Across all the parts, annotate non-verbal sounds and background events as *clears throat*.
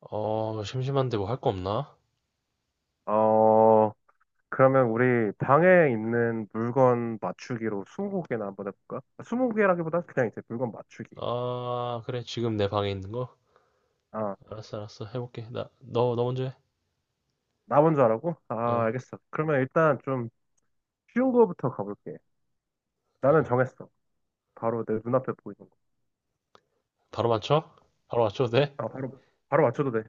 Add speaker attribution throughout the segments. Speaker 1: 심심한데 뭐 할 거 없나?
Speaker 2: 어, 그러면 우리 방에 있는 물건 맞추기로 20개나 한번 해볼까? 20개라기보다 그냥 이제 물건 맞추기.
Speaker 1: 아, 그래. 지금 내 방에 있는 거?
Speaker 2: 아,
Speaker 1: 알았어, 알았어. 해볼게. 나, 너 먼저 해.
Speaker 2: 나 먼저 하라고?
Speaker 1: 어,
Speaker 2: 아, 알겠어. 그러면 일단 좀 쉬운 거부터 가볼게. 나는
Speaker 1: 어.
Speaker 2: 정했어. 바로 내 눈앞에 보이는 거.
Speaker 1: 바로 맞춰? 바로 맞춰도 돼?
Speaker 2: 아, 바로 맞춰도 돼.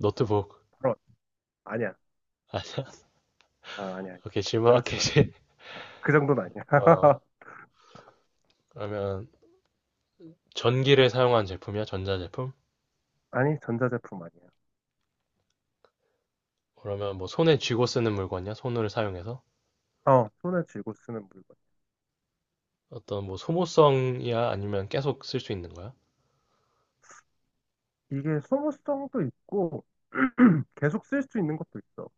Speaker 1: 노트북.
Speaker 2: 바로, 맞- 아니야.
Speaker 1: 아,
Speaker 2: 아, 아니야, 아니야.
Speaker 1: 오케이. 질문할게,
Speaker 2: 그렇진 않아.
Speaker 1: 이제.
Speaker 2: 아, 그 정도는 아니야.
Speaker 1: 어,
Speaker 2: *laughs*
Speaker 1: 그러면 전기를 사용한 제품이야? 전자제품?
Speaker 2: 아니, 전자제품 아니야.
Speaker 1: 그러면 뭐 손에 쥐고 쓰는 물건이야? 손을 사용해서?
Speaker 2: 어, 손에 쥐고 쓰는 물건.
Speaker 1: 어떤 뭐 소모성이야? 아니면 계속 쓸 수 있는 거야?
Speaker 2: 이게 소모성도 있고, *clears throat* 계속 쓸 수 있는 것도 있어.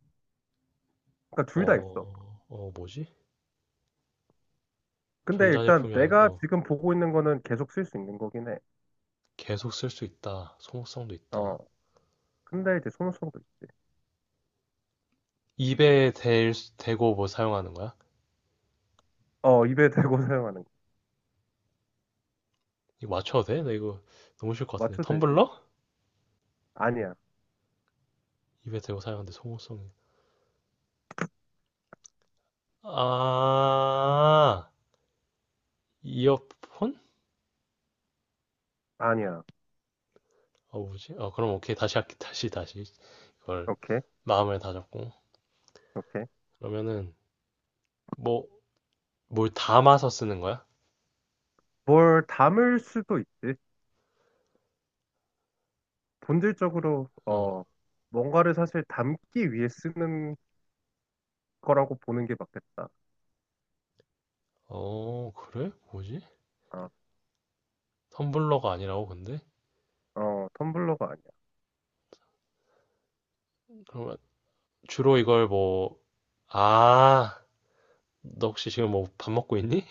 Speaker 2: 그러니까 둘 다 있어.
Speaker 1: 뭐지?
Speaker 2: 근데 일단
Speaker 1: 전자제품이 아닌,
Speaker 2: 내가 지금 보고 있는 거는 계속 쓸 수 있는 거긴 해.
Speaker 1: 계속 쓸 수 있다. 소모성도
Speaker 2: 어.
Speaker 1: 있다.
Speaker 2: 근데 이제 소모성도 있지.
Speaker 1: 입에 대고 뭐 사용하는 거야?
Speaker 2: 어, 입에 대고 *laughs* 사용하는 거.
Speaker 1: 이거 맞춰도 돼? 나 이거 너무 쉬울 것 같은데.
Speaker 2: 맞춰 되지?
Speaker 1: 텀블러?
Speaker 2: 아니야.
Speaker 1: 입에 대고 사용하는데 소모성이. 아, 이어폰?
Speaker 2: 아니야.
Speaker 1: 뭐지? 그럼 오케이. 다시 할게. 다시. 이걸
Speaker 2: 오케이.
Speaker 1: 마음을 다잡고.
Speaker 2: 오케이.
Speaker 1: 그러면은, 뭐, 뭘 담아서 쓰는 거야?
Speaker 2: 뭘 담을 수도 있지. 본질적으로,
Speaker 1: 응.
Speaker 2: 뭔가를 사실 담기 위해 쓰는 거라고 보는 게 맞겠다.
Speaker 1: 어, 그래? 뭐지?
Speaker 2: 어,
Speaker 1: 텀블러가 아니라고, 근데?
Speaker 2: 텀블러가 아니야.
Speaker 1: 그러면 주로 이걸 뭐, 아, 너 혹시 지금 뭐 밥 먹고 있니?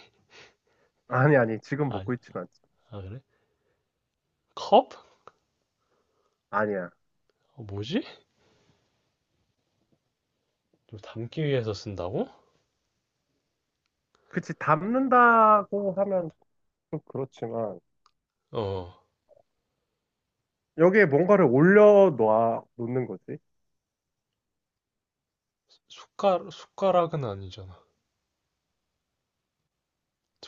Speaker 2: *laughs* 아니, 아니. 지금
Speaker 1: 아니,
Speaker 2: 먹고 있진 않지.
Speaker 1: 아, 그래? 컵?
Speaker 2: 아니야.
Speaker 1: 뭐지? 좀 담기 위해서 쓴다고?
Speaker 2: 그치. 담는다고 하면 좀 그렇지만,
Speaker 1: 어,
Speaker 2: 여기에 뭔가를 올려 놓는 거지.
Speaker 1: 숟가락, 숟가락은 아니잖아.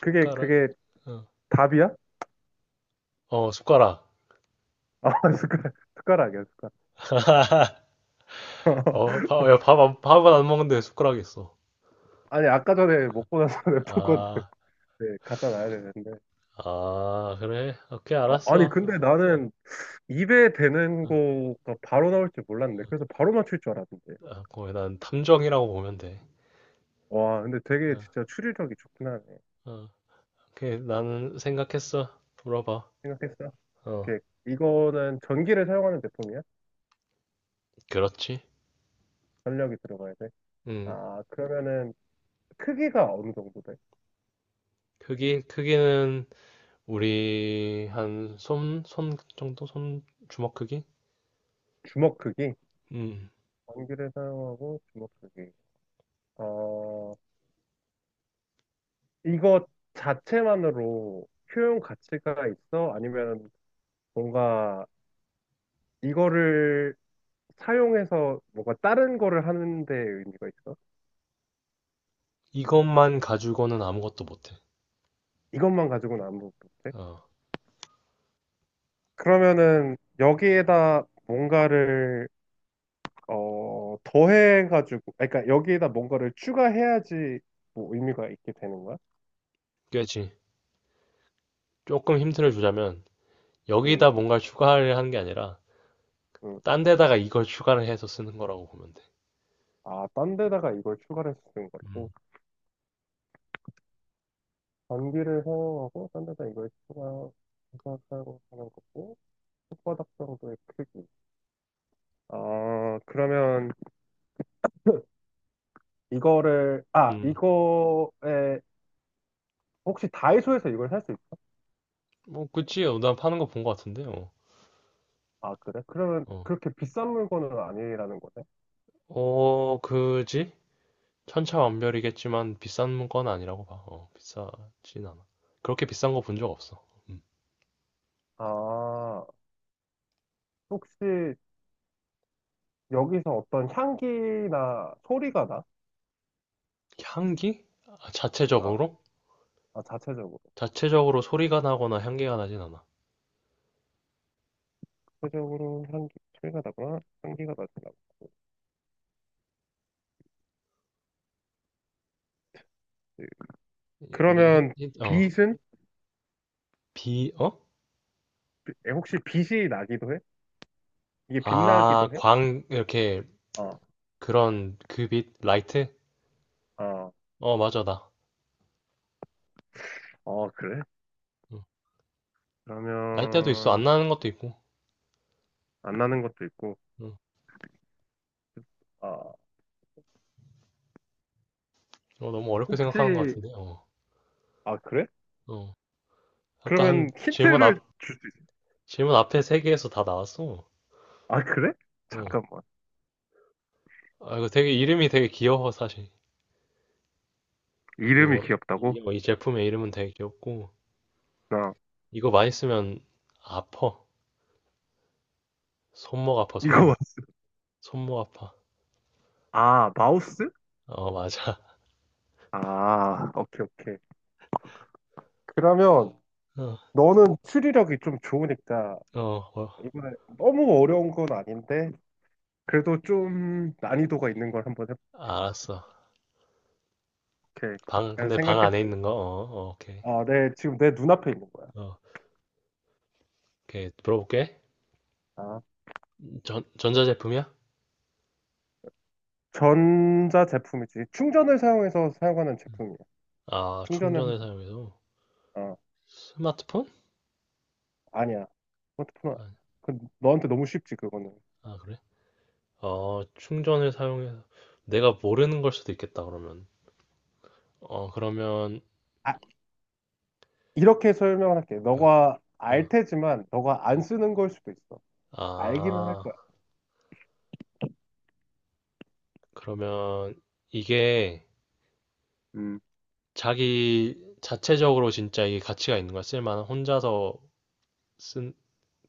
Speaker 2: 그게, 그게
Speaker 1: 어,
Speaker 2: 답이야?
Speaker 1: 숟가락.
Speaker 2: 아, *laughs* 숟가락, 숟가락이야, 숟가락.
Speaker 1: 어, 밥, 야,
Speaker 2: *laughs*
Speaker 1: 밥, 안- 밥은 안 먹는데 숟가락이 있어?
Speaker 2: 아니, 아까 전에 먹고 나서 *laughs* 냅뒀거든.
Speaker 1: 아,
Speaker 2: 네, 갖다 놔야 되는데.
Speaker 1: 아, 그래? 오케이,
Speaker 2: 아, 니
Speaker 1: 알았어.
Speaker 2: 근데 나는 입에 대는
Speaker 1: 어,
Speaker 2: 거가 바로 나올 줄 몰랐는데. 그래서 바로 맞출 줄 알았는데.
Speaker 1: 거의 난 탐정이라고 보면 돼.
Speaker 2: 와, 근데 되게
Speaker 1: 어,
Speaker 2: 진짜 추리력이 좋긴 하네.
Speaker 1: 어, 오케이, 나는 생각했어. 물어봐.
Speaker 2: 생각했어?
Speaker 1: 어,
Speaker 2: 오케이. 이거는 전기를 사용하는 제품이야?
Speaker 1: 그렇지.
Speaker 2: 전력이 들어가야 돼?
Speaker 1: 음,
Speaker 2: 아, 그러면은 크기가 어느 정도 돼?
Speaker 1: 크기는 우리 한 손 정도? 손 주먹 크기?
Speaker 2: 주먹 크기?
Speaker 1: 음.
Speaker 2: 전기를 사용하고 주먹 크기. 어, 이거 자체만으로 효용 가치가 있어? 아니면 뭔가 이거를 사용해서 뭔가 다른 거를 하는 데 의미가 있어?
Speaker 1: 이것만 가지고는 아무것도 못해.
Speaker 2: 이것만 가지고는 아무것도 못해?
Speaker 1: 어,
Speaker 2: 그러면은 여기에다 뭔가를 더해가지고, 아니, 그러니까 여기에다 뭔가를 추가해야지 뭐 의미가 있게 되는 거야?
Speaker 1: 그렇지. 조금 힌트를 주자면
Speaker 2: 응,
Speaker 1: 여기다 뭔가 추가를 하는 게 아니라
Speaker 2: 응.
Speaker 1: 딴 데다가 이걸 추가를 해서 쓰는 거라고 보면 돼.
Speaker 2: 아, 딴 데다가 이걸 추가를 해서 쓰는 거
Speaker 1: 음,
Speaker 2: 고 전기를 사용하고 딴 데다 이걸 추가해서 사용하는 거고 손바닥 정도의 크기. 아, 그러면 *laughs* 이거를, 아,
Speaker 1: 음.
Speaker 2: 이거에, 혹시 다이소에서 이걸 살 수 있,
Speaker 1: 뭐 그치. 어, 난 파는 거 본 거 같은데. 어,
Speaker 2: 아, 그래? 그러면
Speaker 1: 어,
Speaker 2: 그렇게 비싼 물건은 아니라는 거네?
Speaker 1: 어, 그지? 천차만별이겠지만 비싼 건 아니라고 봐. 어, 비싸진 않아. 그렇게 비싼 거 본 적 없어. 음.
Speaker 2: 아, 혹시 여기서 어떤 향기나 소리가 나?
Speaker 1: 향기? 아,
Speaker 2: 아,
Speaker 1: 자체적으로?
Speaker 2: 아, 자체적으로.
Speaker 1: 자체적으로 소리가 나거나 향기가 나진 않아.
Speaker 2: 자체적으로 향기, 소리가 나거나 향기가 나지 않고. 네.
Speaker 1: 이거 뭐지?
Speaker 2: 그러면 빛은?
Speaker 1: 비, 어?
Speaker 2: 혹시 빛이 나기도 해? 이게
Speaker 1: 아,
Speaker 2: 빛나기도 해?
Speaker 1: 광, 이렇게,
Speaker 2: 아,
Speaker 1: 그런, 그 빛, 라이트?
Speaker 2: 아,
Speaker 1: 어, 맞아, 나.
Speaker 2: 어, 그래?
Speaker 1: 응. 라이트도 있어, 안
Speaker 2: 그러면,
Speaker 1: 나는 것도 있고.
Speaker 2: 안 나는 것도 있고.
Speaker 1: 응.
Speaker 2: 아,
Speaker 1: 어, 너무 어렵게 생각하는 것
Speaker 2: 혹시,
Speaker 1: 같은데, 어.
Speaker 2: 아, 그래?
Speaker 1: 어. 아까 한
Speaker 2: 그러면 힌트를 줄 수 있어.
Speaker 1: 질문 앞에 세 개에서 다 나왔어.
Speaker 2: 아, 그래?
Speaker 1: 어.
Speaker 2: 잠깐만.
Speaker 1: 아, 이거 되게, 이름이 되게 귀여워, 사실.
Speaker 2: 이름이
Speaker 1: 이거,
Speaker 2: 귀엽다고?
Speaker 1: 이, 이 제품의 이름은 되게 귀엽고,
Speaker 2: 나
Speaker 1: 이거 많이 쓰면, 아파. 손목 아파,
Speaker 2: 이거 아,
Speaker 1: 손목. 손목 아파.
Speaker 2: 왔어. 아, 마우스?
Speaker 1: 어, 맞아.
Speaker 2: 아, 오케이, 오케이. 그러면
Speaker 1: *laughs*
Speaker 2: 너는 추리력이 좀 좋으니까
Speaker 1: 어, 어, 어.
Speaker 2: 이번에 너무 어려운 건 아닌데 그래도 좀 난이도가 있는 걸 한번 해볼게.
Speaker 1: 알았어.
Speaker 2: 오케이. 그냥
Speaker 1: 근데 방
Speaker 2: 생각했어.
Speaker 1: 안에 있는 거? 어, 어, 오케이.
Speaker 2: 아, 네. 지금 내 눈앞에 있는 거야.
Speaker 1: 어. 오케이, 물어볼게.
Speaker 2: 아,
Speaker 1: 전자제품이야?
Speaker 2: 전자 제품이지. 충전을 사용해서 사용하는
Speaker 1: 음.
Speaker 2: 제품이야.
Speaker 1: 아,
Speaker 2: 충전을 해서.
Speaker 1: 충전을 사용해서.
Speaker 2: 어.
Speaker 1: 스마트폰?
Speaker 2: 아니야. 스마트폰은
Speaker 1: 아,
Speaker 2: 그 너한테 너무 쉽지 그거는.
Speaker 1: 아, 그래? 어, 충전을 사용해서. 내가 모르는 걸 수도 있겠다, 그러면. 그러면,
Speaker 2: 아, 이렇게 설명을 할게.
Speaker 1: 어,
Speaker 2: 너가
Speaker 1: 어,
Speaker 2: 알 테지만 너가
Speaker 1: 어.
Speaker 2: 안 쓰는 걸 수도 있어. 알기는 할
Speaker 1: 아,
Speaker 2: 거야.
Speaker 1: 그러면 이게
Speaker 2: 음,
Speaker 1: 자기 자체적으로 진짜 이게 가치가 있는 거야? 쓸만한, 혼자서 쓴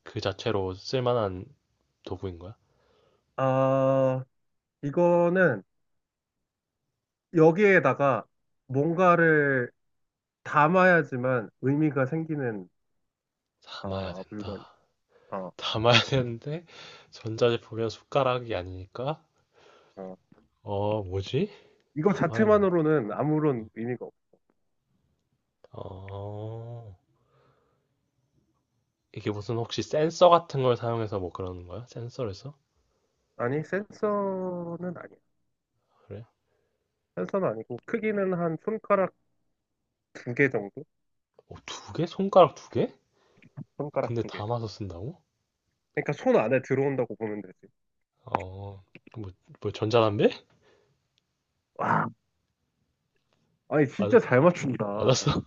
Speaker 1: 그 자체로 쓸만한 도구인 거야?
Speaker 2: 아, 이거는 여기에다가 뭔가를 담아야지만 의미가 생기는
Speaker 1: 담아야
Speaker 2: 물건이야.
Speaker 1: 된다.
Speaker 2: 어,
Speaker 1: 담아야 되는데, 전자제품이랑 숟가락이 아니니까?
Speaker 2: 어.
Speaker 1: 뭐지?
Speaker 2: 이거
Speaker 1: 담아야 된다.
Speaker 2: 자체만으로는 아무런 의미가 없어.
Speaker 1: 어, 이게 무슨 혹시 센서 같은 걸 사용해서 뭐 그러는 거야? 센서를 써?
Speaker 2: 아니, 센서는 아니야.
Speaker 1: 그래?
Speaker 2: 센서는 아니고 크기는 한 손가락 두 개 정도?
Speaker 1: 어, 두 개? 손가락 두 개?
Speaker 2: 손가락
Speaker 1: 근데
Speaker 2: 두 개.
Speaker 1: 담아서 쓴다고?
Speaker 2: 그러니까 손 안에 들어온다고 보면 되지.
Speaker 1: 어, 뭐, 뭐 전자담배?
Speaker 2: 와, 아니,
Speaker 1: 맞,
Speaker 2: 진짜 잘 맞춘다. *laughs*
Speaker 1: 맞았어?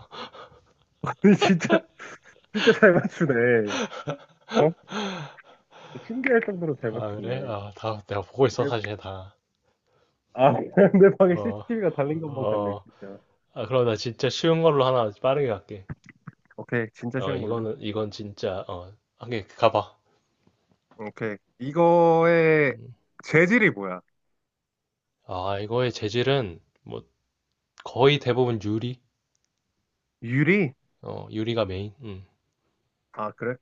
Speaker 2: 아니, 진짜, 진짜 잘 맞추네. 어? 신기할 정도로
Speaker 1: *laughs*
Speaker 2: 잘
Speaker 1: 아, 그래?
Speaker 2: 맞추네.
Speaker 1: 아, 다 내가 보고 있어,
Speaker 2: 그래-
Speaker 1: 사실 다.
Speaker 2: 아, *laughs* 내 방에
Speaker 1: 어,
Speaker 2: CCTV가 달린 것만 같네,
Speaker 1: 어,
Speaker 2: 진짜.
Speaker 1: 아, 그럼 나 진짜 쉬운 걸로 하나 빠르게 갈게.
Speaker 2: 오케이, 진짜 쉬운 걸로.
Speaker 1: 이건 진짜, 어, 한개 가봐.
Speaker 2: 오케이. 이거의 재질이 뭐야?
Speaker 1: 아, 이거의 재질은 뭐 거의 대부분 유리?
Speaker 2: 유리?
Speaker 1: 어, 유리가 메인. 음.
Speaker 2: 아, 그래?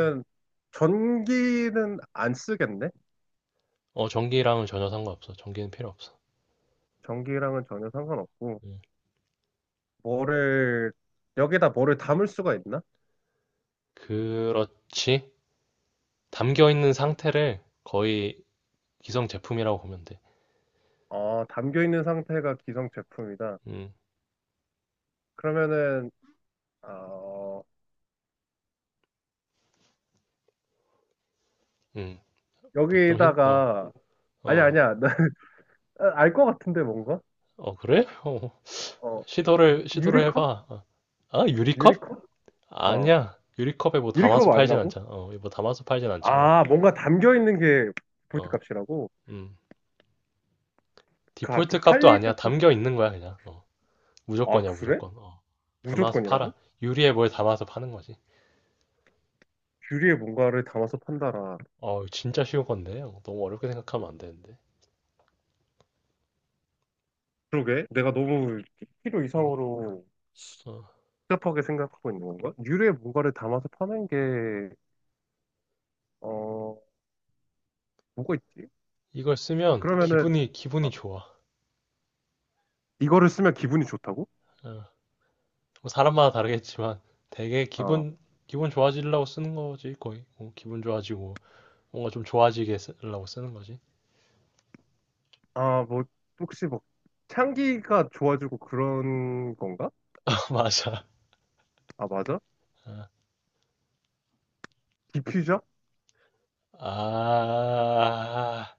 Speaker 1: 음.
Speaker 2: 전기는 안 쓰겠네?
Speaker 1: 어, 전기랑은 전혀 상관없어. 전기는 필요 없어.
Speaker 2: 전기랑은 전혀 상관없고.
Speaker 1: 음.
Speaker 2: 뭐를, 여기다 뭐를 담을 수가 있나?
Speaker 1: 그렇지. 담겨 있는 상태를 거의 기성 제품이라고 보면 돼.
Speaker 2: 어, 담겨 있는 상태가 기성 제품이다.
Speaker 1: 음,
Speaker 2: 그러면은, 어,
Speaker 1: 음. 뭐좀
Speaker 2: 여기다가 아니야
Speaker 1: 어,
Speaker 2: 아니야 알 것 *laughs* 같은데 뭔가
Speaker 1: 어, 그래? 어,
Speaker 2: 어
Speaker 1: 시도를
Speaker 2: 유리컵
Speaker 1: 해봐. 어. 아, 유리컵?
Speaker 2: 유리컵 어
Speaker 1: 아니야. 유리컵에 뭐
Speaker 2: 유리컵
Speaker 1: 담아서 팔진
Speaker 2: 아니라고
Speaker 1: 않잖아. 어, 뭐 담아서 팔진 않잖아.
Speaker 2: 아 뭔가 담겨 있는 게 볼트
Speaker 1: 어,
Speaker 2: 값이라고
Speaker 1: 음.
Speaker 2: 그 아, 그
Speaker 1: 디폴트 값도
Speaker 2: 팔릴
Speaker 1: 아니야. 담겨 있는 거야, 그냥. 어.
Speaker 2: 때 아
Speaker 1: 무조건이야,
Speaker 2: 그래
Speaker 1: 무조건. 어. 담아서 팔아.
Speaker 2: 무조건이라고
Speaker 1: 유리에 뭘 담아서 파는 거지.
Speaker 2: 유리에 뭔가를 담아서 판다라
Speaker 1: 어, 진짜 쉬운 건데. 어, 너무 어렵게 생각하면 안 되는데.
Speaker 2: 그러게 내가 너무 필요
Speaker 1: 음,
Speaker 2: 이상으로
Speaker 1: 어.
Speaker 2: 복잡하게 생각하고 있는 건가 유리에 뭔가를 담아서 파는 게 어 뭐가 있지
Speaker 1: 이걸 쓰면
Speaker 2: 그러면은
Speaker 1: 기분이
Speaker 2: 아,
Speaker 1: 좋아.
Speaker 2: 이거를 쓰면 기분이 좋다고
Speaker 1: 어, 뭐 사람마다 다르겠지만 되게
Speaker 2: 어.
Speaker 1: 기분 좋아지려고 쓰는 거지 거의. 뭐 기분 좋아지고 뭔가 좀 좋아지게 쓰려고 쓰는 거지.
Speaker 2: 아, 뭐, 혹시 뭐, 향기가 좋아지고 그런 건가?
Speaker 1: *laughs* 맞아.
Speaker 2: 아, 맞아? 디퓨저?
Speaker 1: 아,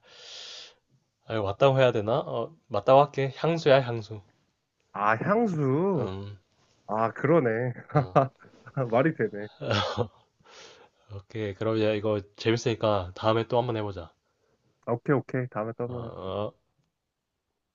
Speaker 1: 아, 이거 맞다고 해야 되나? 어, 맞다고 할게. 향수야 향수.
Speaker 2: 아, 향수.
Speaker 1: 음,
Speaker 2: 아, 그러네.
Speaker 1: 어.
Speaker 2: *laughs* 말이 되네.
Speaker 1: *laughs* 오케이. 그럼 이제 이거 재밌으니까 다음에 또 한번 해보자.
Speaker 2: 아, 오케이, 오케이. 다음에 또
Speaker 1: 어.
Speaker 2: 한번 해자
Speaker 1: 어.